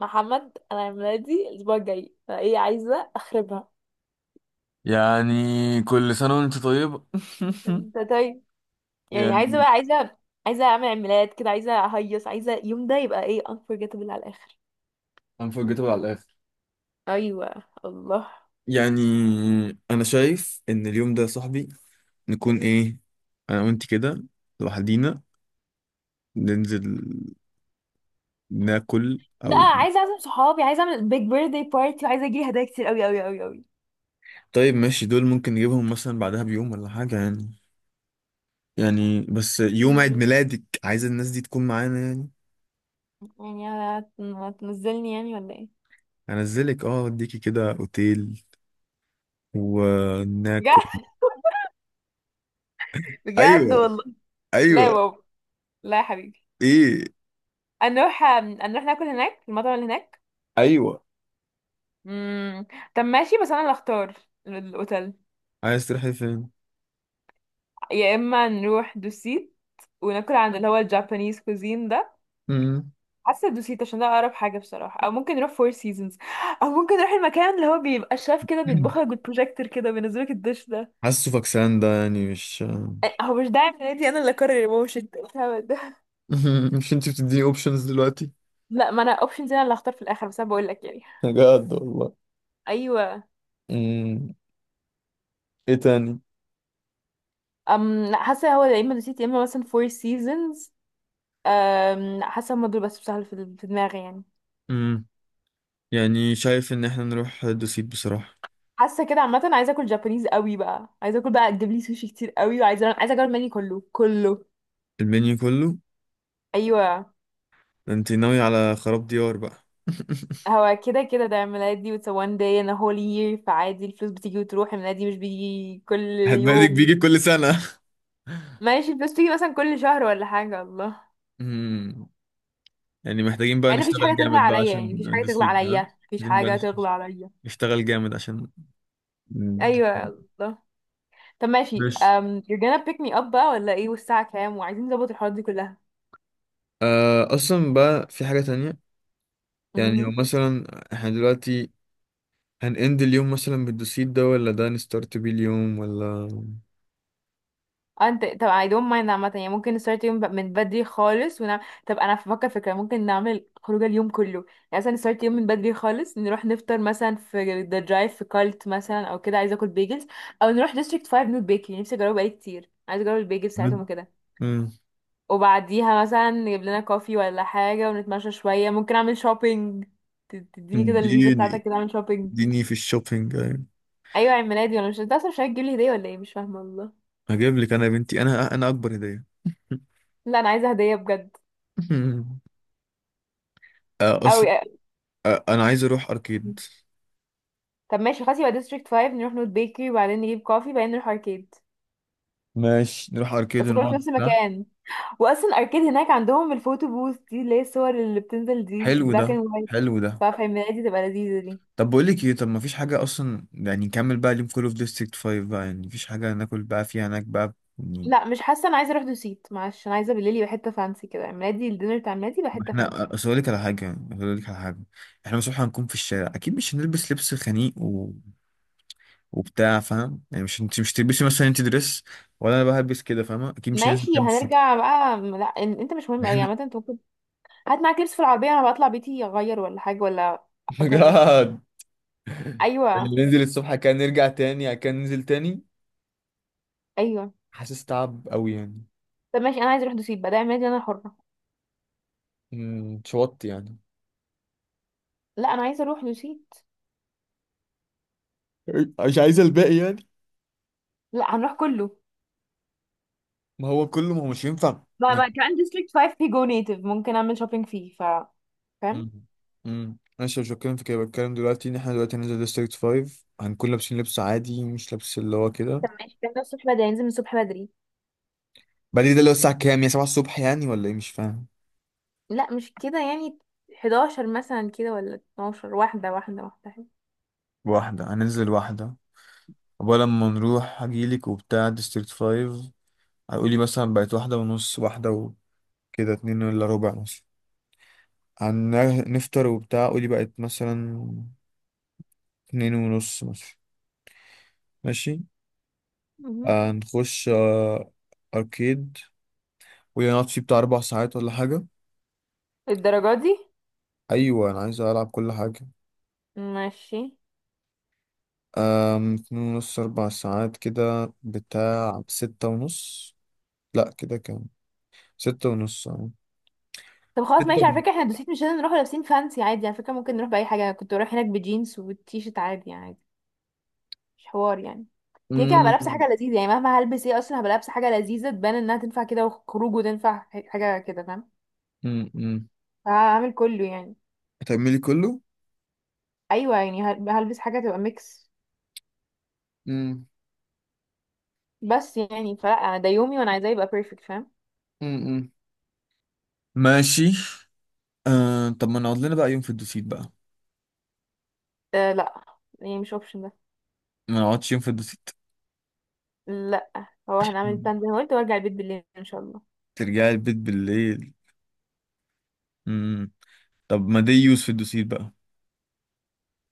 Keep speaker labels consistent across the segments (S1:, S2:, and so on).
S1: محمد، انا عيد ميلادي الاسبوع الجاي، فايه عايزه اخربها.
S2: يعني كل سنة وانت طيب.
S1: انت طيب. يعني عايزه
S2: يعني
S1: بقى، عايزه اعمل عيد ميلاد كده، عايزه اهيص، عايزه اليوم ده يبقى ايه، unforgettable على الاخر.
S2: انفورجيتابل على الآخر.
S1: ايوه الله.
S2: يعني أنا شايف إن اليوم ده يا صاحبي نكون إيه، أنا وأنت كده لوحدينا ننزل ناكل
S1: لا،
S2: أو.
S1: عايزه اعزم صحابي، عايزه اعمل بيج بيرثدي بارتي، وعايزه اجيلي هدايا كتير قوي قوي قوي قوي.
S2: طيب ماشي، دول ممكن نجيبهم مثلا بعدها بيوم ولا حاجة يعني. يعني بس يوم عيد
S1: مم.
S2: ميلادك عايز الناس دي تكون معانا يعني.
S1: يعني هتنزلني يعني ولا ايه؟
S2: هنزلك، اه، اوديكي كده اوتيل وناكل.
S1: بجد. بجد
S2: ايوه،
S1: والله. لا يا
S2: ايوه.
S1: بابا. لا يا حبيبي.
S2: ايه.
S1: هنروح هنروح ناكل هناك في المطعم اللي هناك.
S2: ايوه،
S1: مم. طب ماشي، بس انا اللي اختار الاوتيل.
S2: عايز تروحي فين؟
S1: يا اما نروح دوسيت وناكل عند اللي هو الجابانيز كوزين ده. حاسه دوسيت عشان ده اقرب حاجه بصراحه، او ممكن نروح فور سيزونز، او ممكن نروح المكان اللي هو بيبقى الشاف كده بيطبخ لك بالبروجيكتور كده، بينزل لك الدش ده.
S2: حاسه فاكسان ده يعني مش.
S1: أه، هو مش داعي من نادي، انا اللي اقرر يا ماما، مش انت الهبل ده.
S2: مش انت بتديني اوبشنز دلوقتي؟
S1: لا، ما انا اوبشنز، انا اللي هختار في الاخر، بس انا بقول لك يعني.
S2: بجد والله.
S1: ايوه.
S2: امم. ايه تاني؟
S1: ام، لا، حاسه هو يا اما دوسيت يا اما مثلا فور سيزونز. حاسه هما دول بس بسهل في دماغي يعني.
S2: امم يعني شايف ان احنا نروح دوسيت بصراحة.
S1: حاسه كده عامه، عايزه اكل جابانيز قوي بقى، عايزه اكل بقى، تجيب لي سوشي كتير قوي، وعايزه اجرب المنيو كله كله.
S2: المنيو كله؟
S1: ايوه.
S2: ده انت ناوي على خراب ديار بقى.
S1: هو كده كده، ده عيد ميلادي، it's a one day and a whole year، فعادي، الفلوس بتيجي وتروح، عيد ميلادي مش بيجي كل
S2: هتبادك
S1: يوم.
S2: بيجي كل سنة.
S1: ماشي، الفلوس بتيجي مثلا كل شهر ولا حاجه، الله.
S2: امم يعني محتاجين بقى
S1: مع ان مفيش
S2: نشتغل
S1: حاجه تغلى
S2: جامد بقى
S1: عليا يعني،
S2: عشان
S1: مفيش حاجه تغلى
S2: دوسيت ده.
S1: عليا، مفيش
S2: عايزين بقى
S1: حاجه تغلى عليا.
S2: نشتغل جامد عشان. مم.
S1: ايوه الله. طب ماشي،
S2: ماشي.
S1: you're gonna pick me up بقى ولا ايه؟ والساعه كام؟ وعايزين نظبط الحوارات دي
S2: اصلا بقى في حاجة تانية يعني، هو
S1: كلها.
S2: مثلا احنا دلوقتي هنأند اليوم مثلا بالدوسيت ده، ولا ده نستارت بيه اليوم، ولا.
S1: اه انت، طب، I don't mind عامة يعني، ممكن نستارت يوم من بدري خالص ونعمل. طب انا بفكر فكرة، ممكن نعمل خروجة اليوم كله. يعني مثلا نستارت يوم من بدري خالص، نروح نفطر مثلا في ذا درايف في كارلت مثلا او كده، عايزة اكل بيجلز. او نروح ديستريكت 5 نوت بيكري، نفسي اجربه بقالي كتير، عايزة اجرب البيجلز بتاعتهم
S2: بد-
S1: وكده.
S2: مم.
S1: وبعديها مثلا نجيب لنا كوفي ولا حاجة، ونتمشى شوية، ممكن اعمل شوبينج. تديني كده الفيزا
S2: اديني
S1: بتاعتك كده اعمل شوبينج.
S2: اديني في الشوبينج أيوة.
S1: ايوه، عيد ميلادي. ولا مش، انت اصلا مش هتجيب لي هدية ولا ايه؟ مش فاهمة والله.
S2: هجيب لك انا يا بنتي، انا اكبر هدية.
S1: لا، انا عايزة هدية بجد.
S2: اصل.
S1: اوي.
S2: انا عايز اروح اركيد.
S1: طب ماشي خلاص، يبقى ديستريكت 5 نروح نوت بيكري، وبعدين نجيب كوفي، وبعدين نروح اركيد.
S2: ماشي، نروح اركيد
S1: بس كله في
S2: ونقعد
S1: نفس
S2: ده.
S1: المكان. واصلا اركيد هناك عندهم الفوتو بوث دي، اللي هي الصور اللي بتنزل دي
S2: حلو ده،
S1: البلاك اند وايت.
S2: حلو ده.
S1: ففي الميلاد دي تبقى لذيذة دي.
S2: طب بقول لك ايه، طب ما فيش حاجه اصلا، يعني نكمل بقى اليوم كله في ديستريكت 5 بقى، يعني مفيش حاجه ناكل بقى فيها هناك بقى يعني.
S1: لا، مش حاسة، انا عايزة اروح دوسيت معلش، انا عايزة بالليل يبقى حتة فانسي كده، ميلادي، الدينر بتاع ميلادي يبقى
S2: ما
S1: حتة فانسي.
S2: احنا اصل اقول لك على حاجه، اقول لك على حاجه. احنا مش هنكون في الشارع اكيد، مش هنلبس لبس خنيق وبتاع فاهم يعني، مش انت مش تلبسي مثلا انت دريس، ولا انا بقى هلبس كده فاهمه، اكيد مش هننزل
S1: ماشي
S2: كام الصبح.
S1: هنرجع بقى. لا انت مش مهم قوي
S2: احنا.
S1: عامة، انت ممكن هات معاك لبس في العربية، انا بطلع بيتي اغير ولا حاجة ولا whatever.
S2: بجد.
S1: ايوه.
S2: اللي ننزل الصبح كان نرجع تاني كان ننزل تاني.
S1: ايوه.
S2: حاسس تعب قوي يعني.
S1: طب ماشي، انا عايزة اروح دوسيت بقى، ده ميلادي انا حرة.
S2: اتشوطت يعني.
S1: لا، انا عايزة اروح دوسيت.
S2: مش عايز الباقي يعني.
S1: لا، هنروح كله.
S2: ما هو كله، ما هو مش ينفع.
S1: ما كمان ديستريكت 5 فيه جو نيتيف ممكن اعمل شوبينج فيه، ف فاهم.
S2: امم ماشي، مش بتكلم في كده، بتكلم دلوقتي ان احنا دلوقتي هننزل ديستريكت 5 هنكون لابسين لبس عادي مش لبس اللي هو كده.
S1: طب ماشي، كان ده الصبح بدري، ننزل من الصبح بدري.
S2: بعدين ده اللي هو الساعة كام؟ يا 7 الصبح يعني، ولا ايه مش فاهم.
S1: لا، مش كده يعني. 11 مثلا كده ولا 12، واحدة واحدة واحدة.
S2: واحدة، هننزل واحدة. أول لما نروح هجيلك وبتاع ديستريكت 5، هيقولي مثلا بقت واحدة ونص، واحدة وكده اتنين إلا ربع مثلا هنفطر، وبتاع قولي بقت مثلا اتنين ونص مثلا. ماشي.
S1: مهم.
S2: هنخش أركيد ونقعد فيه بتاع 4 ساعات ولا حاجة.
S1: الدرجات دي
S2: ايوه انا عايز العب كل حاجه.
S1: ماشي.
S2: اتنين ونص، 4 ساعات، كده بتاع ستة ونص. لا كده كام؟ ستة ونص، اه.
S1: طب خلاص
S2: ستة
S1: ماشي، على
S2: ونص.
S1: فكرة احنا دوسيت مش لازم نروح لابسين فانسي عادي، على فكرة ممكن نروح بأي حاجة، أنا كنت بروح هناك بجينز وتيشرت عادي يعني. مش حوار يعني. كده كده هبقى
S2: أمم،
S1: لابسة حاجة لذيذة يعني، مهما هلبس ايه أصلا هبقى لابسة حاجة لذيذة، تبان إنها تنفع كده وخروج وتنفع حاجة كده، فاهم؟
S2: أمم، أمم.
S1: هعمل كله يعني.
S2: هتعملي كله.
S1: ايوه يعني هلبس حاجه تبقى ميكس.
S2: أمم،
S1: بس يعني، فلا، انا ده يومي، وانا عايزاه يبقى بيرفكت، فاهم؟
S2: أمم، أمم. ماشي. طب ما نقعد لنا بقى يوم في الدوسيت بقى.
S1: آه لا. يعني مش اوبشن ده.
S2: ما نقعدش يوم في الدوسيت.
S1: لا، هو هنعمل
S2: أمم.
S1: بلان زي ما قلت، وارجع البيت بالليل ان شاء الله.
S2: ترجعي البيت بالليل. أمم. طب ما دي يوز في الدوسيت بقى.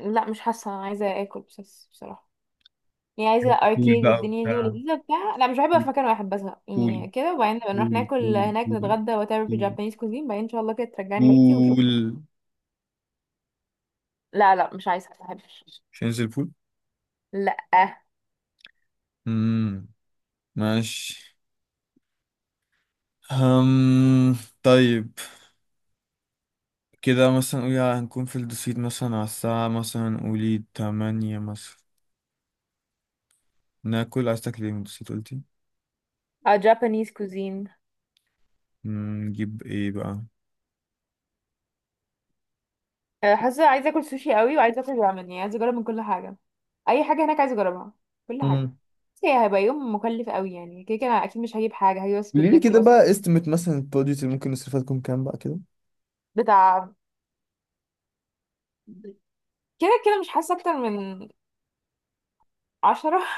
S1: لا، مش حاسه، انا عايزه اكل بس بصراحه. يعني عايزه
S2: بول
S1: اركيد
S2: بقى
S1: والدنيا دي
S2: وبتاع.
S1: ولذيذه بتاع، لا مش بحب أبقى
S2: بول،
S1: في مكان واحد بزهق
S2: بول،
S1: يعني كده، وبعدين نبقى نروح
S2: بول،
S1: ناكل
S2: بول،
S1: هناك
S2: بول،
S1: نتغدى وات ايفر في
S2: بول.
S1: جابانيز كوزين، بعدين ان شاء الله كده ترجعني بيتي وشكرا.
S2: بول.
S1: لا لا، مش عايزه، ما بحبش.
S2: مش هننزل بول.
S1: لا.
S2: امم ماشي. هم طيب. كده مثلا قولي هنكون في الدوسيت مثلا على الساعة مثلا قولي 8 مثلا. ناكل، عايز تاكل ايه من الدوسيت قلتي؟
S1: اه، جابانيز كوزين.
S2: نجيب ايه بقى؟
S1: آه، حاسه عايزه اكل سوشي قوي، وعايزه اكل رامن، يعني عايزه اجرب من كل حاجه، اي حاجه هناك عايزه اجربها، كل حاجه.
S2: امم
S1: بس هي هيبقى يوم مكلف قوي يعني، كده كده انا اكيد مش هجيب حاجه، هجيب بس
S2: قولي لي
S1: بالليب
S2: كده
S1: جلوس
S2: بقى استمت مثلا البادجت اللي ممكن نصرفها تكون كام بقى كده.
S1: بتاع. كده كده مش حاسه اكتر من 10.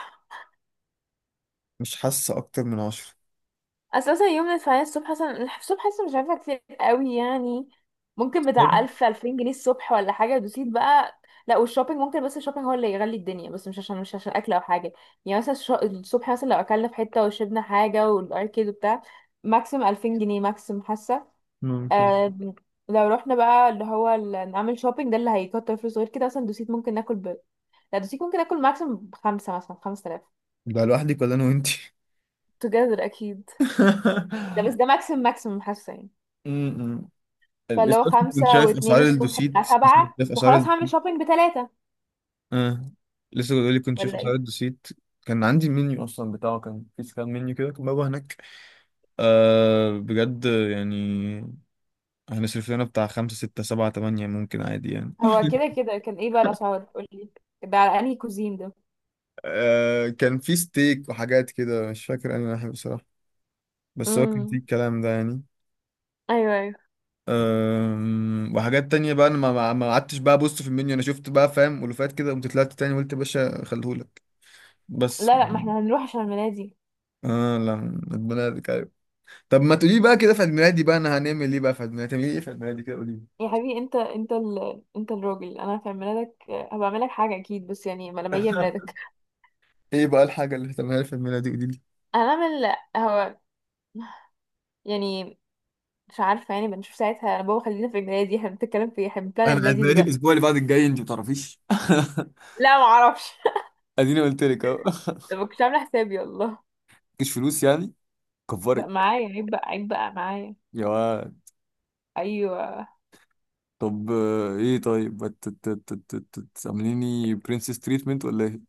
S2: مش حاسة أكتر من 10.
S1: اساسا يوم الفعالية الصبح اصلا، الصبح اصلا مش عارفة، كتير قوي يعني، ممكن
S2: طب
S1: بتاع 1000 2000 جنيه الصبح ولا حاجة، دوسيت بقى. لا، والشوبينج ممكن، بس الشوبينج هو اللي يغلي الدنيا، بس مش عشان اكل او حاجة. يعني مثلا الصبح، مثلا لو اكلنا في حتة وشربنا حاجة والاركيد وبتاع، ماكسيم 2000 جنيه ماكسيم حاسة.
S2: ممكن،
S1: آم، لو رحنا بقى اللي هو نعمل شوبينج، ده اللي هيكتر فلوس غير كده، مثلا دوسيت ممكن ناكل. لا، دوسيت ممكن ناكل ماكسيم بخمسة مثلا، 5000.
S2: ده لوحدك ولا أنا وأنتي؟
S1: together اكيد. ده بس، ده ماكسيم، ماكسيم حاسة يعني.
S2: امم
S1: فاللي
S2: لسه
S1: هو
S2: أصلا كنت
S1: خمسة
S2: شايف
S1: واتنين
S2: أسعار
S1: الصبح
S2: الدوسيت.
S1: بتاع
S2: لسه كنت
S1: سبعة،
S2: شايف أسعار
S1: وخلاص هعمل
S2: الدوسيت.
S1: شوبينج بتلاتة.
S2: اه. لسه بيقول لي كنت شايف
S1: ولا
S2: اسعار
S1: ايه؟
S2: الدوسيت. كان عندي المنيو اصلا بتاعه، كان في سكان منيو كده كان بابا هناك. آه بجد يعني، هنصرف لنا بتاع خمسة ستة سبعة تمانية ممكن عادي يعني.
S1: هو كده كده كان ايه بقى الأسعار، قولي. ده على انهي كوزين ده.
S2: آه، كان في ستيك وحاجات كده، مش فاكر انا الحاجة بصراحة، بس هو كان في
S1: امم.
S2: الكلام ده يعني.
S1: ايوه ايوه.
S2: وحاجات تانية بقى، انا ما قعدتش بقى ابص في المنيو. انا شفت بقى فاهم، ألوفات كده، قمت طلعت تاني قلت يا باشا خليهولك بس
S1: لا لا، ما
S2: يعني.
S1: احنا هنروح عشان المنادي.
S2: اه لا، ربنا يهديك. طب ما تقولي بقى كده في عيد ميلادي بقى انا هنعمل ايه بقى؟ في عيد ميلادي هتعملي ايه في عيد ميلادي كده قولي لي.
S1: يا حبيبي، انت انت انت الراجل، انا في عيد ميلادك هبعمل لك حاجه اكيد، بس يعني ما لما يجي عيد ميلادك.
S2: ايه بقى الحاجه اللي هتعملها لي في عيد ميلادي؟ قولي لي.
S1: هنعمل، هو، يعني، مش عارفه يعني، بنشوف ساعتها. انا بابا خلينا في عيد ميلادي، احنا بنتكلم في إيه؟ احنا بنبلان عيد
S2: انا عيد
S1: ميلادي
S2: ميلادي
S1: دلوقتي.
S2: الاسبوع اللي بعد الجاي انت ما تعرفيش.
S1: لا، ما اعرفش.
S2: اديني قلت لك اهو.
S1: ما كنتش عامله حسابي والله.
S2: مفيش فلوس يعني.
S1: لا،
S2: كفرك.
S1: معايا، عيب بقى، عيب بقى معايا.
S2: يا واد.
S1: ايوه.
S2: طب ايه، طيب تعمليني برنسس تريتمنت ولا ايه؟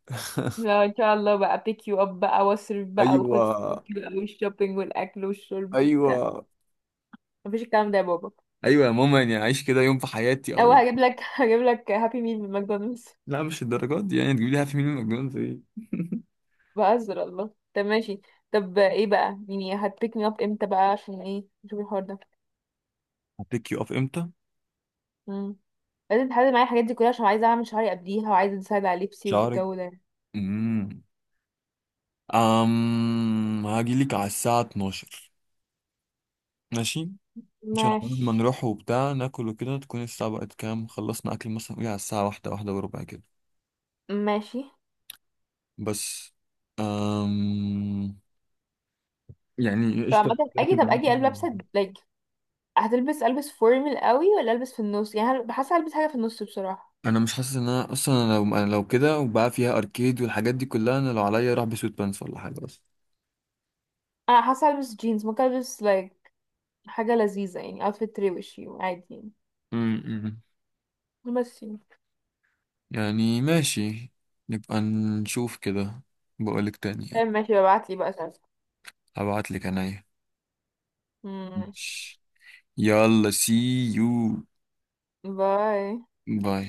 S1: لا ان شاء الله بقى، بيك يو اب بقى، واصرف بقى
S2: ايوه،
S1: وخد فلوس بقى، والشوبينج والاكل والشرب وبتاع.
S2: ايوه.
S1: مفيش الكلام ده يا بابا.
S2: ايوه يا ماما، يعني اعيش كده يوم في حياتي
S1: او
S2: او.
S1: هجيب لك هجيب لك هابي ميل من ماكدونالدز.
S2: لا مش الدرجات دي، يعني تجيب لي هابي ميل من ماكدونالدز ايه؟
S1: بهزر، الله. طب ماشي. طب ايه بقى. يعني هتبيك مي اب امتى بقى؟ عشان ايه نشوف الحوار ده.
S2: هبيك يو اب امتى؟
S1: امم. لازم تحدد معايا الحاجات دي كلها، عشان عايزه اعمل شعري قبليها، وعايزه اساعد على لبسي
S2: شعرك.
S1: والجو ده.
S2: امم هاجيلك على الساعة 12. ماشي. عشان عقبال ما
S1: ماشي.
S2: نروح وبتاع ناكل وكده تكون الساعة بقت كام، خلصنا أكل مثلا قولي على الساعة واحدة، واحدة وربع كده.
S1: ماشي.
S2: بس. أم يعني
S1: طب
S2: قشطة
S1: عامة اجي،
S2: بركب
S1: طب
S2: معاك.
S1: اجي لابسه لايك. هتلبس، البس فورمال قوي ولا البس في النص يعني؟ حاسه البس حاجه في النص بصراحه.
S2: أنا مش حاسس إن أنا أصلا أنا لو كده، وبقى فيها أركيد والحاجات دي كلها، أنا لو عليا أروح بسويت بانس ولا حاجة بس.
S1: انا حاسه البس جينز، ممكن البس like حاجه لذيذه يعني، outfit روشي عادي
S2: أمم.
S1: يعني، بس يعني.
S2: يعني ماشي، نبقى نشوف كده. بقولك تاني يعني.
S1: طيب ماشي، ببعتلي بقى صورة.
S2: هبعتلك أنا. ماشي.
S1: ماشي.
S2: يلا سي يو.
S1: باي.
S2: باي.